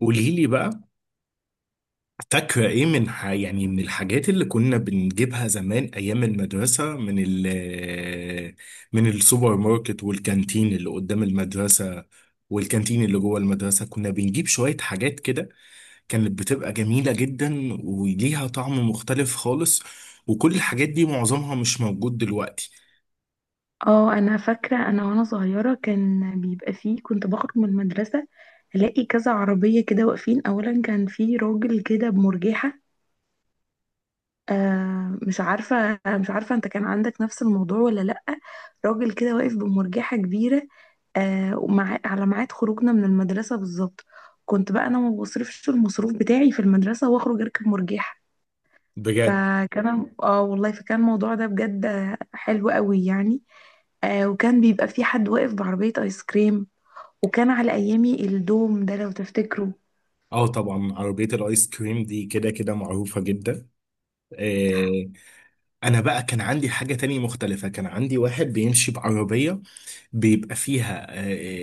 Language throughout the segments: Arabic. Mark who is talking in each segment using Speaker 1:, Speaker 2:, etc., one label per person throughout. Speaker 1: قولي لي بقى. فاكرة ايه من ح... يعني من الحاجات اللي كنا بنجيبها زمان ايام المدرسة، من السوبر ماركت والكانتين اللي قدام المدرسة، والكانتين اللي جوه المدرسة. كنا بنجيب شوية حاجات كده كانت بتبقى جميلة جدا وليها طعم مختلف خالص، وكل الحاجات دي معظمها مش موجود دلوقتي.
Speaker 2: اه، انا فاكره انا وانا صغيره كان بيبقى فيه كنت بخرج من المدرسه، الاقي كذا عربيه كده واقفين. اولا، كان في راجل كده بمرجحه. مش عارفه انت كان عندك نفس الموضوع ولا لا؟ راجل كده واقف بمرجحه كبيره. ومع على ميعاد خروجنا من المدرسه بالظبط. كنت بقى انا ما بصرفش المصروف بتاعي في المدرسه واخرج اركب مرجحه.
Speaker 1: بجد؟
Speaker 2: اه والله، فكان الموضوع ده بجد حلو قوي يعني. وكان بيبقى في حد واقف بعربية ايس كريم، وكان على ايامي الدوم ده لو تفتكروا.
Speaker 1: اه طبعا عربية الايس كريم دي كده كده معروفة جدا. آه، انا بقى كان عندي حاجة تانية مختلفة، كان عندي واحد بيمشي بعربية بيبقى فيها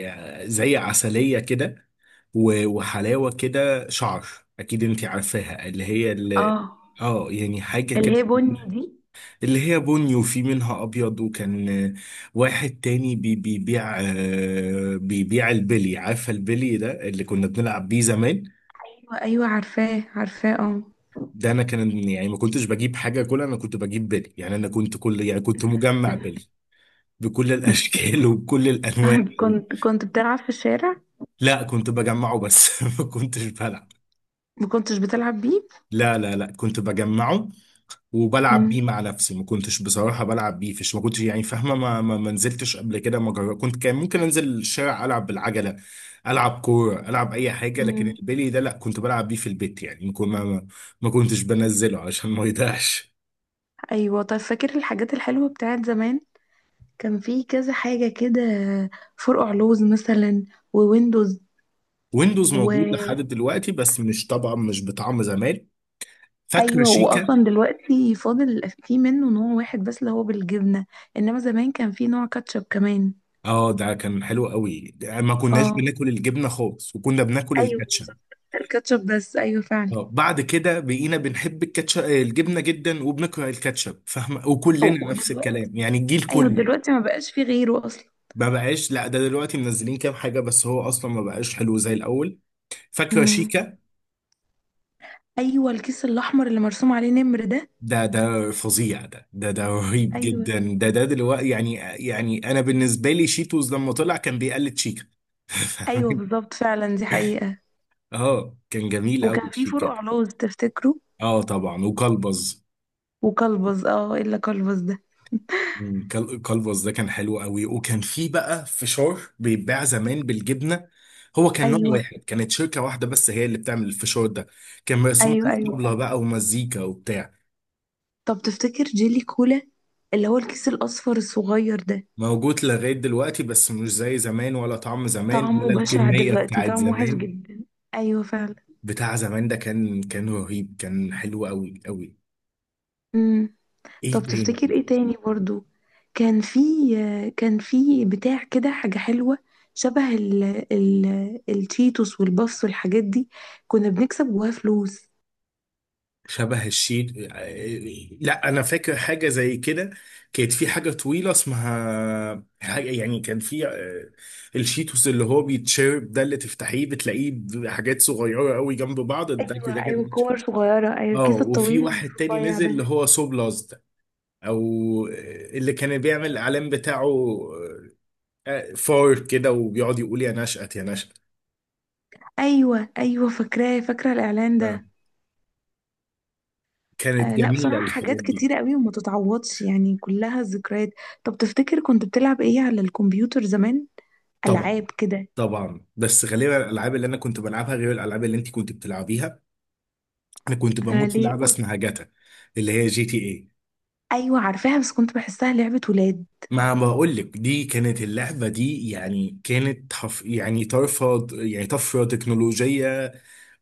Speaker 1: آه، زي عسلية كده، وحلاوة كده شعر. اكيد انتي عارفاها، اللي هي
Speaker 2: اه.
Speaker 1: اللي اه يعني حاجة كده.
Speaker 2: اللي هي بني دي.
Speaker 1: اللي هي بني وفي منها ابيض، وكان آه، واحد تاني بيبيع آه، بيبيع البلي. عارفة البلي ده اللي كنا بنلعب بيه زمان؟
Speaker 2: ايوه، ايوه، عارفاه، عارفاه، اه.
Speaker 1: ده انا كان يعني ما كنتش بجيب حاجة كلها، انا كنت بجيب بلي. يعني انا كنت كل يعني كنت مجمع بلي بكل الاشكال وبكل الانواع.
Speaker 2: كنت بتلعب في الشارع؟
Speaker 1: لا، كنت بجمعه بس ما كنتش بلعب.
Speaker 2: ما كنتش بتلعب بيه؟
Speaker 1: لا لا لا، كنت بجمعه وبلعب
Speaker 2: امم.
Speaker 1: بيه مع نفسي. ما كنتش بصراحة بلعب بيه فيش، ما كنتش يعني فاهمة، ما نزلتش قبل كده ما جرب. كنت كان ممكن انزل الشارع العب بالعجلة، العب كورة العب اي حاجة، لكن
Speaker 2: امم.
Speaker 1: البلي ده لا، كنت بلعب بيه في البيت. يعني ما كنتش بنزله عشان ما يضيعش.
Speaker 2: ايوه، طيب، فاكر الحاجات الحلوه بتاعت زمان؟ كان في كذا حاجه كده، فرقع لوز مثلا، وويندوز،
Speaker 1: ويندوز
Speaker 2: و
Speaker 1: موجود لحد دلوقتي بس مش طبعا مش بطعم زمان. فاكرة
Speaker 2: ايوه،
Speaker 1: شيكا؟
Speaker 2: واصلا دلوقتي فاضل فيه منه نوع واحد بس اللي هو بالجبنه. انما زمان كان فيه نوع كاتشب كمان.
Speaker 1: اه، ده كان حلو قوي ده. ما كناش
Speaker 2: اه.
Speaker 1: بناكل الجبنه خالص، وكنا بناكل
Speaker 2: ايوه،
Speaker 1: الكاتشب.
Speaker 2: بالظبط. الكاتشب بس، ايوه فعلا.
Speaker 1: اه بعد كده بقينا بنحب الكاتشب الجبنه جدا وبنكره الكاتشب، فاهمه؟
Speaker 2: أو،
Speaker 1: وكلنا نفس
Speaker 2: ودلوقتي
Speaker 1: الكلام يعني الجيل
Speaker 2: ايوه،
Speaker 1: كله.
Speaker 2: دلوقتي ما بقاش فيه غيره اصلا.
Speaker 1: ما بقاش، لا ده دلوقتي منزلين كام حاجه بس هو اصلا ما بقاش حلو زي الاول. فاكره
Speaker 2: امم.
Speaker 1: شيكا؟
Speaker 2: ايوه، الكيس الاحمر اللي مرسوم عليه نمر ده.
Speaker 1: ده ده فظيع، ده ده ده رهيب
Speaker 2: ايوه،
Speaker 1: جدا، ده ده دلوقتي يعني. يعني انا بالنسبه لي شيتوز لما طلع كان بيقلد شيكا.
Speaker 2: ايوه،
Speaker 1: فاهمة؟
Speaker 2: بالظبط، فعلا، دي حقيقه.
Speaker 1: اه كان جميل قوي
Speaker 2: وكان فيه
Speaker 1: شيكا
Speaker 2: فرقع
Speaker 1: ده.
Speaker 2: لوز تفتكره؟
Speaker 1: اه طبعا، وكلبز.
Speaker 2: وكلبز، اه، الا كلبز ده.
Speaker 1: مم، كالفاس ده كان حلو قوي. وكان في بقى فشار بيتباع زمان بالجبنه، هو كان نوع
Speaker 2: ايوه،
Speaker 1: واحد، كانت شركه واحده بس هي اللي بتعمل الفشار ده. كان مرسوم
Speaker 2: ايوه،
Speaker 1: عليه
Speaker 2: ايوه، فعلا.
Speaker 1: طبله بقى ومزيكا وبتاع.
Speaker 2: طب تفتكر جيلي كولا، اللي هو الكيس الاصفر الصغير ده؟
Speaker 1: موجود لغايه دلوقتي بس مش زي زمان، ولا طعم زمان،
Speaker 2: طعمه
Speaker 1: ولا
Speaker 2: بشع
Speaker 1: الكميه
Speaker 2: دلوقتي،
Speaker 1: بتاعت
Speaker 2: طعمه وحش
Speaker 1: زمان.
Speaker 2: جدا. ايوه فعلا.
Speaker 1: بتاع زمان ده كان رهيب، كان حلو قوي قوي.
Speaker 2: امم. طب
Speaker 1: ايه تاني؟
Speaker 2: تفتكر ايه تاني برضو؟ كان في كان في بتاع كده حاجة حلوة، شبه ال ال التشيتوس والبفس والحاجات دي، كنا بنكسب جواها فلوس.
Speaker 1: شبه الشيت، لا انا فاكر حاجه زي كده. كانت في حاجه طويله اسمها حاجه، يعني كان في آه، الشيتوس اللي هو بيتشرب ده، اللي تفتحيه بتلاقيه بحاجات صغيره قوي جنب بعض ده
Speaker 2: ايوه،
Speaker 1: كده كان
Speaker 2: ايوه
Speaker 1: بيتشرب.
Speaker 2: كور صغيرة، ايوه
Speaker 1: اه
Speaker 2: الكيس
Speaker 1: وفي
Speaker 2: الطويل
Speaker 1: واحد تاني
Speaker 2: الرفيع
Speaker 1: نزل
Speaker 2: ده.
Speaker 1: اللي هو سوبلاز ده، او آه، اللي كان بيعمل الاعلان بتاعه آه، فار كده وبيقعد يقول يا نشأت يا نشأت.
Speaker 2: ايوه، ايوه فاكراه، فاكرة الاعلان
Speaker 1: آه،
Speaker 2: ده.
Speaker 1: كانت
Speaker 2: آه، لا
Speaker 1: جميله
Speaker 2: بصراحة
Speaker 1: الحاجات
Speaker 2: حاجات
Speaker 1: دي.
Speaker 2: كتيرة قوي وما تتعوضش يعني، كلها ذكريات. طب تفتكر كنت بتلعب ايه على الكمبيوتر زمان؟
Speaker 1: طبعا
Speaker 2: ألعاب كده؟
Speaker 1: طبعا. بس غالبا الالعاب اللي انا كنت بلعبها غير الالعاب اللي انت كنت بتلعبيها. انا كنت
Speaker 2: آه،
Speaker 1: بموت في
Speaker 2: ليه
Speaker 1: لعبه اسمها جاتا، اللي هي جي تي اي.
Speaker 2: ايوه عارفاها، بس كنت بحسها لعبة ولاد.
Speaker 1: ما بقول لك، دي كانت اللعبه دي يعني كانت حف يعني طرفه يعني طفره تكنولوجيه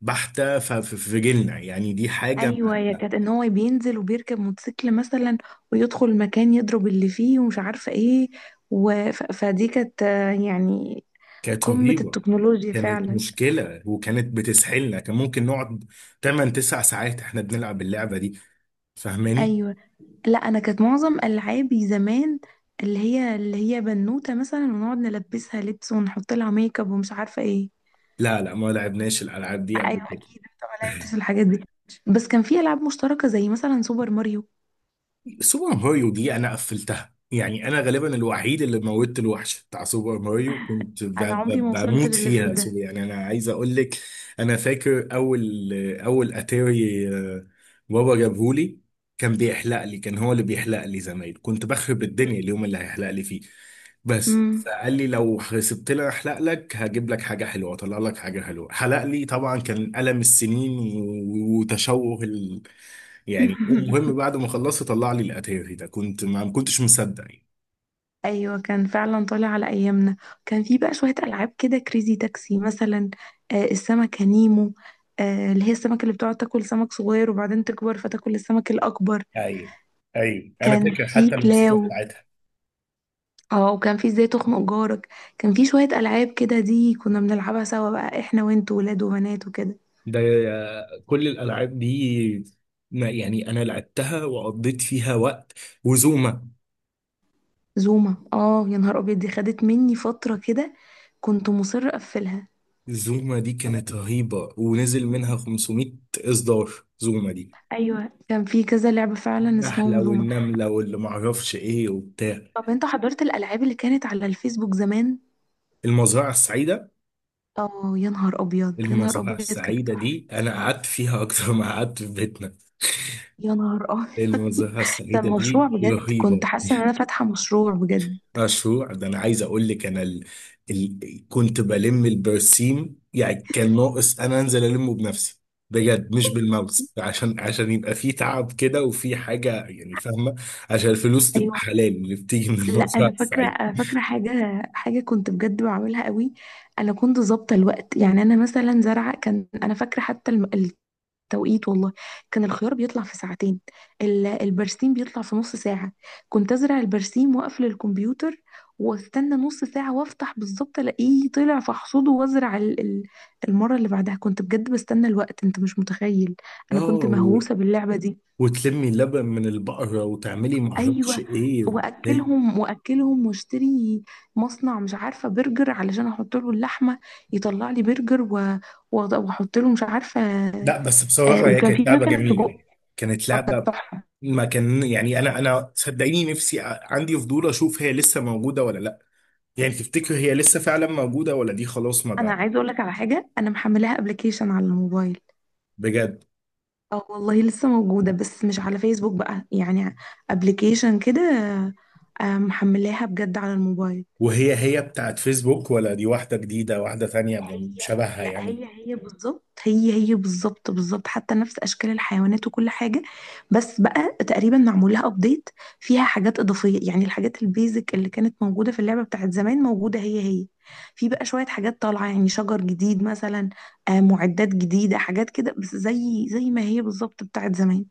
Speaker 1: بحته في جيلنا. يعني دي حاجه
Speaker 2: ايوه، يا كانت ان هو بينزل وبيركب موتوسيكل مثلا، ويدخل المكان يضرب اللي فيه ومش عارفة ايه. و... فدي كانت، يعني،
Speaker 1: كانت
Speaker 2: قمة
Speaker 1: رهيبه،
Speaker 2: التكنولوجيا
Speaker 1: كانت
Speaker 2: فعلا.
Speaker 1: مشكله وكانت بتسحلنا. كان ممكن نقعد 8 9 ساعات احنا بنلعب اللعبه دي، فاهماني؟
Speaker 2: ايوه. لا انا كانت معظم العابي زمان، اللي هي بنوتة مثلا ونقعد نلبسها لبس ونحط لها ميك اب ومش عارفة ايه.
Speaker 1: لا لا، ما لعبناش الالعاب دي
Speaker 2: ايوه،
Speaker 1: قبل كده.
Speaker 2: اكيد انت ما لعبتش الحاجات دي، بس كان في العاب مشتركة زي مثلا سوبر ماريو.
Speaker 1: سوبر ماريو دي انا قفلتها، يعني انا غالبا الوحيد اللي موتت الوحش بتاع سوبر ماريو. كنت
Speaker 2: انا عمري ما وصلت
Speaker 1: بموت
Speaker 2: للليفل
Speaker 1: فيها سو
Speaker 2: ده.
Speaker 1: يعني انا عايز اقول لك. انا فاكر اول، اول اتاري آه، بابا جابهولي. كان بيحلق لي، كان هو اللي بيحلق لي زمان. كنت بخرب الدنيا اليوم اللي هيحلق لي فيه، بس
Speaker 2: مم.
Speaker 1: فقال لي لو سبت لي احلق لك هجيب لك حاجه حلوه، اطلع لك حاجه حلوه. حلق لي طبعا كان الم السنين وتشوه يعني، ومهم بعد ما خلصت طلع لي الاتاري ده. كنت ما كنتش مصدق يعني.
Speaker 2: ايوه، كان فعلا طالع على ايامنا. كان في بقى شويه العاب كده، كريزي تاكسي مثلا، آه السمكه نيمو، آه اللي هي السمكه اللي بتقعد تاكل سمك صغير وبعدين تكبر فتاكل السمك الاكبر.
Speaker 1: ايوه ايوه، انا
Speaker 2: كان
Speaker 1: فاكر
Speaker 2: في
Speaker 1: حتى الموسيقى
Speaker 2: كلاو.
Speaker 1: بتاعتها.
Speaker 2: اه، وكان في ازاي تخنق جارك. كان في شويه العاب كده دي كنا بنلعبها سوا بقى احنا وانت، ولاد وبنات وكده.
Speaker 1: ده كل الالعاب دي ما يعني انا لعبتها وقضيت فيها وقت. وزوما،
Speaker 2: زوما، اه يا نهار ابيض، دي خدت مني فتره كده، كنت مصر اقفلها.
Speaker 1: زوما دي كانت رهيبة. ونزل منها 500 اصدار زوما دي.
Speaker 2: ايوه، كان في كذا لعبه فعلا اسمهم
Speaker 1: النحلة
Speaker 2: زوما.
Speaker 1: والنملة واللي معرفش ايه وبتاع.
Speaker 2: طب انت حضرت الالعاب اللي كانت على الفيسبوك زمان؟
Speaker 1: المزرعة السعيدة،
Speaker 2: اه يا نهار ابيض، يا نهار
Speaker 1: المزرعة
Speaker 2: ابيض، كانت
Speaker 1: السعيدة
Speaker 2: تحفة.
Speaker 1: دي انا قعدت فيها اكتر ما قعدت في بيتنا.
Speaker 2: يا نهار ابيض!
Speaker 1: المنظرة
Speaker 2: ده
Speaker 1: السعيدة
Speaker 2: المشروع
Speaker 1: دي
Speaker 2: بجد، كنت
Speaker 1: رهيبة.
Speaker 2: حاسه ان انا فاتحه مشروع بجد.
Speaker 1: مشروع، ده أنا عايز أقول لك ال... كنت بلم البرسيم. يعني كان ناقص أنا أنزل ألمه بنفسي بجد، مش بالماوس، عشان عشان يبقى في تعب كده وفي حاجة يعني فاهمة، عشان الفلوس تبقى
Speaker 2: ايوه،
Speaker 1: حلال اللي بتيجي من
Speaker 2: لا انا
Speaker 1: المزرعة
Speaker 2: فاكره
Speaker 1: السعيدة.
Speaker 2: انا فاكره حاجه، حاجه كنت بجد بعملها قوي. انا كنت ظابطه الوقت يعني، انا مثلا زرعه كان، انا فاكره حتى توقيت والله. كان الخيار بيطلع في ساعتين، البرسيم بيطلع في نص ساعة. كنت أزرع البرسيم وأقفل الكمبيوتر، واستنى نص ساعة وافتح بالظبط، ألاقيه طلع فاحصده وأزرع المرة اللي بعدها. كنت بجد بستنى الوقت أنت مش متخيل.
Speaker 1: اه
Speaker 2: أنا كنت مهووسة باللعبة دي.
Speaker 1: وتلمي اللبن من البقرة وتعملي معرفش
Speaker 2: أيوة،
Speaker 1: إيه وبتاع.
Speaker 2: وأكلهم وأكلهم واشتري مصنع، مش عارفة برجر علشان أحط له اللحمة، يطلع لي برجر وأحط له مش عارفة.
Speaker 1: لا بس بصراحة هي
Speaker 2: وكان في
Speaker 1: كانت لعبة
Speaker 2: مكنة
Speaker 1: جميلة
Speaker 2: سجق.
Speaker 1: يعني. كانت
Speaker 2: كانت
Speaker 1: لعبة
Speaker 2: تحفة.
Speaker 1: ما كان يعني. أنا أنا صدقيني نفسي عندي فضول أشوف هي لسه موجودة ولا لأ. يعني تفتكر هي لسه فعلا موجودة ولا دي خلاص ما
Speaker 2: انا
Speaker 1: بقى؟
Speaker 2: عايزه اقول لك على حاجه، انا محملاها ابلكيشن على الموبايل.
Speaker 1: بجد؟
Speaker 2: اه والله لسه موجوده، بس مش على فيسبوك بقى يعني، ابلكيشن كده. محملاها بجد على الموبايل.
Speaker 1: وهي هي بتاعت فيسبوك ولا دي واحدة جديدة، واحدة ثانية
Speaker 2: هي
Speaker 1: شبهها
Speaker 2: لا،
Speaker 1: يعني؟
Speaker 2: هي هي بالظبط، هي هي بالظبط بالظبط، حتى نفس اشكال الحيوانات وكل حاجه. بس بقى تقريبا معمول لها ابديت، فيها حاجات اضافيه يعني. الحاجات البيزك اللي كانت موجوده في اللعبه بتاعت زمان موجوده هي هي. في بقى شويه حاجات طالعه يعني، شجر جديد مثلا، معدات جديده، حاجات كده بس زي ما هي بالظبط بتاعت زمان.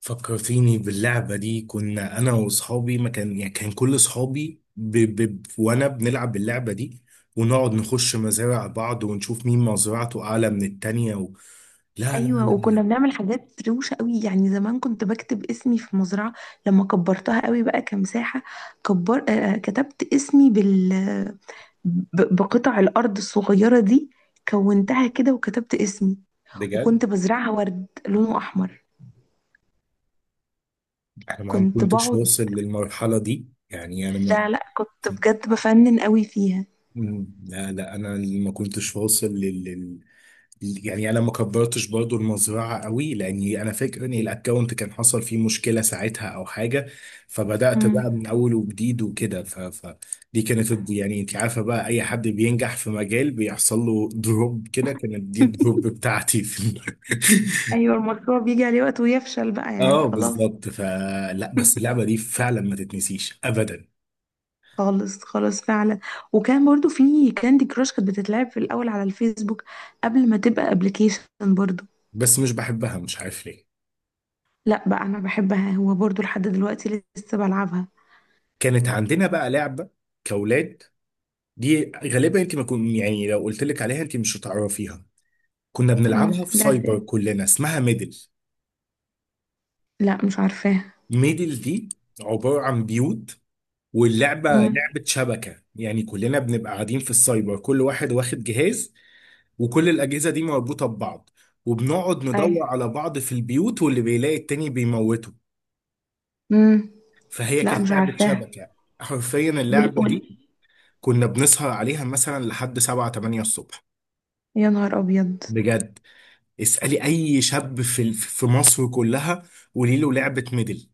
Speaker 1: فكرتيني باللعبة دي. كنا أنا وأصحابي ما كان يعني كان كل أصحابي وأنا بنلعب اللعبة دي، ونقعد نخش مزارع بعض ونشوف مين مزرعته أعلى من التانية لا لا
Speaker 2: ايوه،
Speaker 1: لا،
Speaker 2: وكنا بنعمل حاجات روشه قوي يعني، زمان كنت بكتب اسمي في مزرعه. لما كبرتها قوي بقى كمساحه، كبر آه كتبت اسمي بقطع الأرض الصغيرة دي. كونتها كده وكتبت اسمي،
Speaker 1: بجد
Speaker 2: وكنت بزرعها ورد لونه أحمر.
Speaker 1: انا ما
Speaker 2: كنت
Speaker 1: كنتش
Speaker 2: بقعد،
Speaker 1: واصل للمرحلة دي يعني انا ما.
Speaker 2: لا لا، كنت بجد بفنن قوي فيها.
Speaker 1: مم، لا لا انا اللي ما كنتش واصل يعني انا ما كبرتش برضو المزرعة قوي، لاني انا فاكر ان الاكونت كان حصل فيه مشكلة ساعتها او حاجة. فبدأت
Speaker 2: مم.
Speaker 1: بقى من اول وجديد وكده. فدي كانت يعني انت عارفة بقى اي حد بينجح في مجال بيحصل له دروب كده. كانت دي الدروب بتاعتي في
Speaker 2: أيوة، المشروع بيجي عليه وقت ويفشل بقى يعني،
Speaker 1: اه
Speaker 2: خلاص.
Speaker 1: بالظبط، فلا بس اللعبة دي فعلا ما تتنسيش ابدا.
Speaker 2: خالص، خالص، فعلا. وكان برضو في كاندي كراش، كانت بتتلعب في الأول على الفيسبوك قبل ما تبقى ابلكيشن، برضو.
Speaker 1: بس مش بحبها، مش عارف ليه.
Speaker 2: لا بقى، أنا بحبها هو، برضو لحد دلوقتي لسه بلعبها.
Speaker 1: كانت عندنا بقى لعبة كأولاد. دي غالبا انت ما كن يعني لو قلت لك عليها انت مش هتعرفيها. كنا
Speaker 2: مم.
Speaker 1: بنلعبها في
Speaker 2: لعبة
Speaker 1: سايبر
Speaker 2: ايه؟
Speaker 1: كلنا، اسمها ميدل.
Speaker 2: لا مش عارفاها.
Speaker 1: ميدل دي عبارة عن بيوت، واللعبة لعبة شبكة. يعني كلنا بنبقى قاعدين في السايبر كل واحد واخد جهاز، وكل الأجهزة دي مربوطة ببعض. وبنقعد
Speaker 2: امم.
Speaker 1: ندور على بعض في البيوت واللي بيلاقي التاني بيموته.
Speaker 2: امم.
Speaker 1: فهي
Speaker 2: لا
Speaker 1: كانت
Speaker 2: مش
Speaker 1: لعبة
Speaker 2: عارفاها.
Speaker 1: شبكة حرفيا.
Speaker 2: وال
Speaker 1: اللعبة دي
Speaker 2: وال
Speaker 1: كنا بنسهر عليها مثلا لحد 7 8 الصبح،
Speaker 2: يا نهار ابيض.
Speaker 1: بجد. اسألي اي شاب في في مصر كلها، قولي له لعبة ميدل.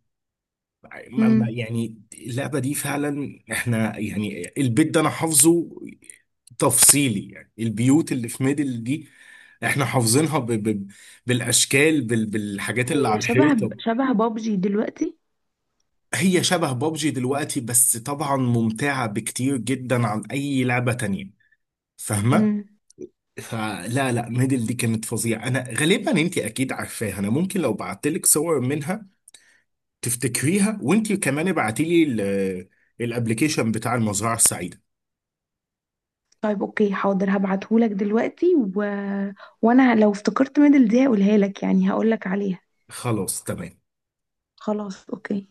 Speaker 2: امم.
Speaker 1: يعني اللعبة دي فعلا، احنا يعني البيت ده انا حافظه تفصيلي يعني. البيوت اللي في ميدل دي احنا حافظينها ب ب بالاشكال بالحاجات اللي على
Speaker 2: هي شبه
Speaker 1: الحيطة.
Speaker 2: شبه بابجي دلوقتي.
Speaker 1: هي شبه بابجي دلوقتي، بس طبعا ممتعة بكتير جدا عن اي لعبة تانية، فاهمة؟
Speaker 2: امم.
Speaker 1: فلا لا، ميدل دي كانت فظيعة. أنا غالبا أنت أكيد عارفاها. أنا ممكن لو بعت لك صور منها تفتكريها، وأنت كمان ابعتي لي الابلكيشن بتاع المزرعة السعيدة.
Speaker 2: طيب، اوكي، حاضر هبعتهولك دلوقتي، و... وانا لو افتكرت ميدل دي هقولها لك، يعني هقولك عليها.
Speaker 1: خلاص تمام.
Speaker 2: خلاص، اوكي.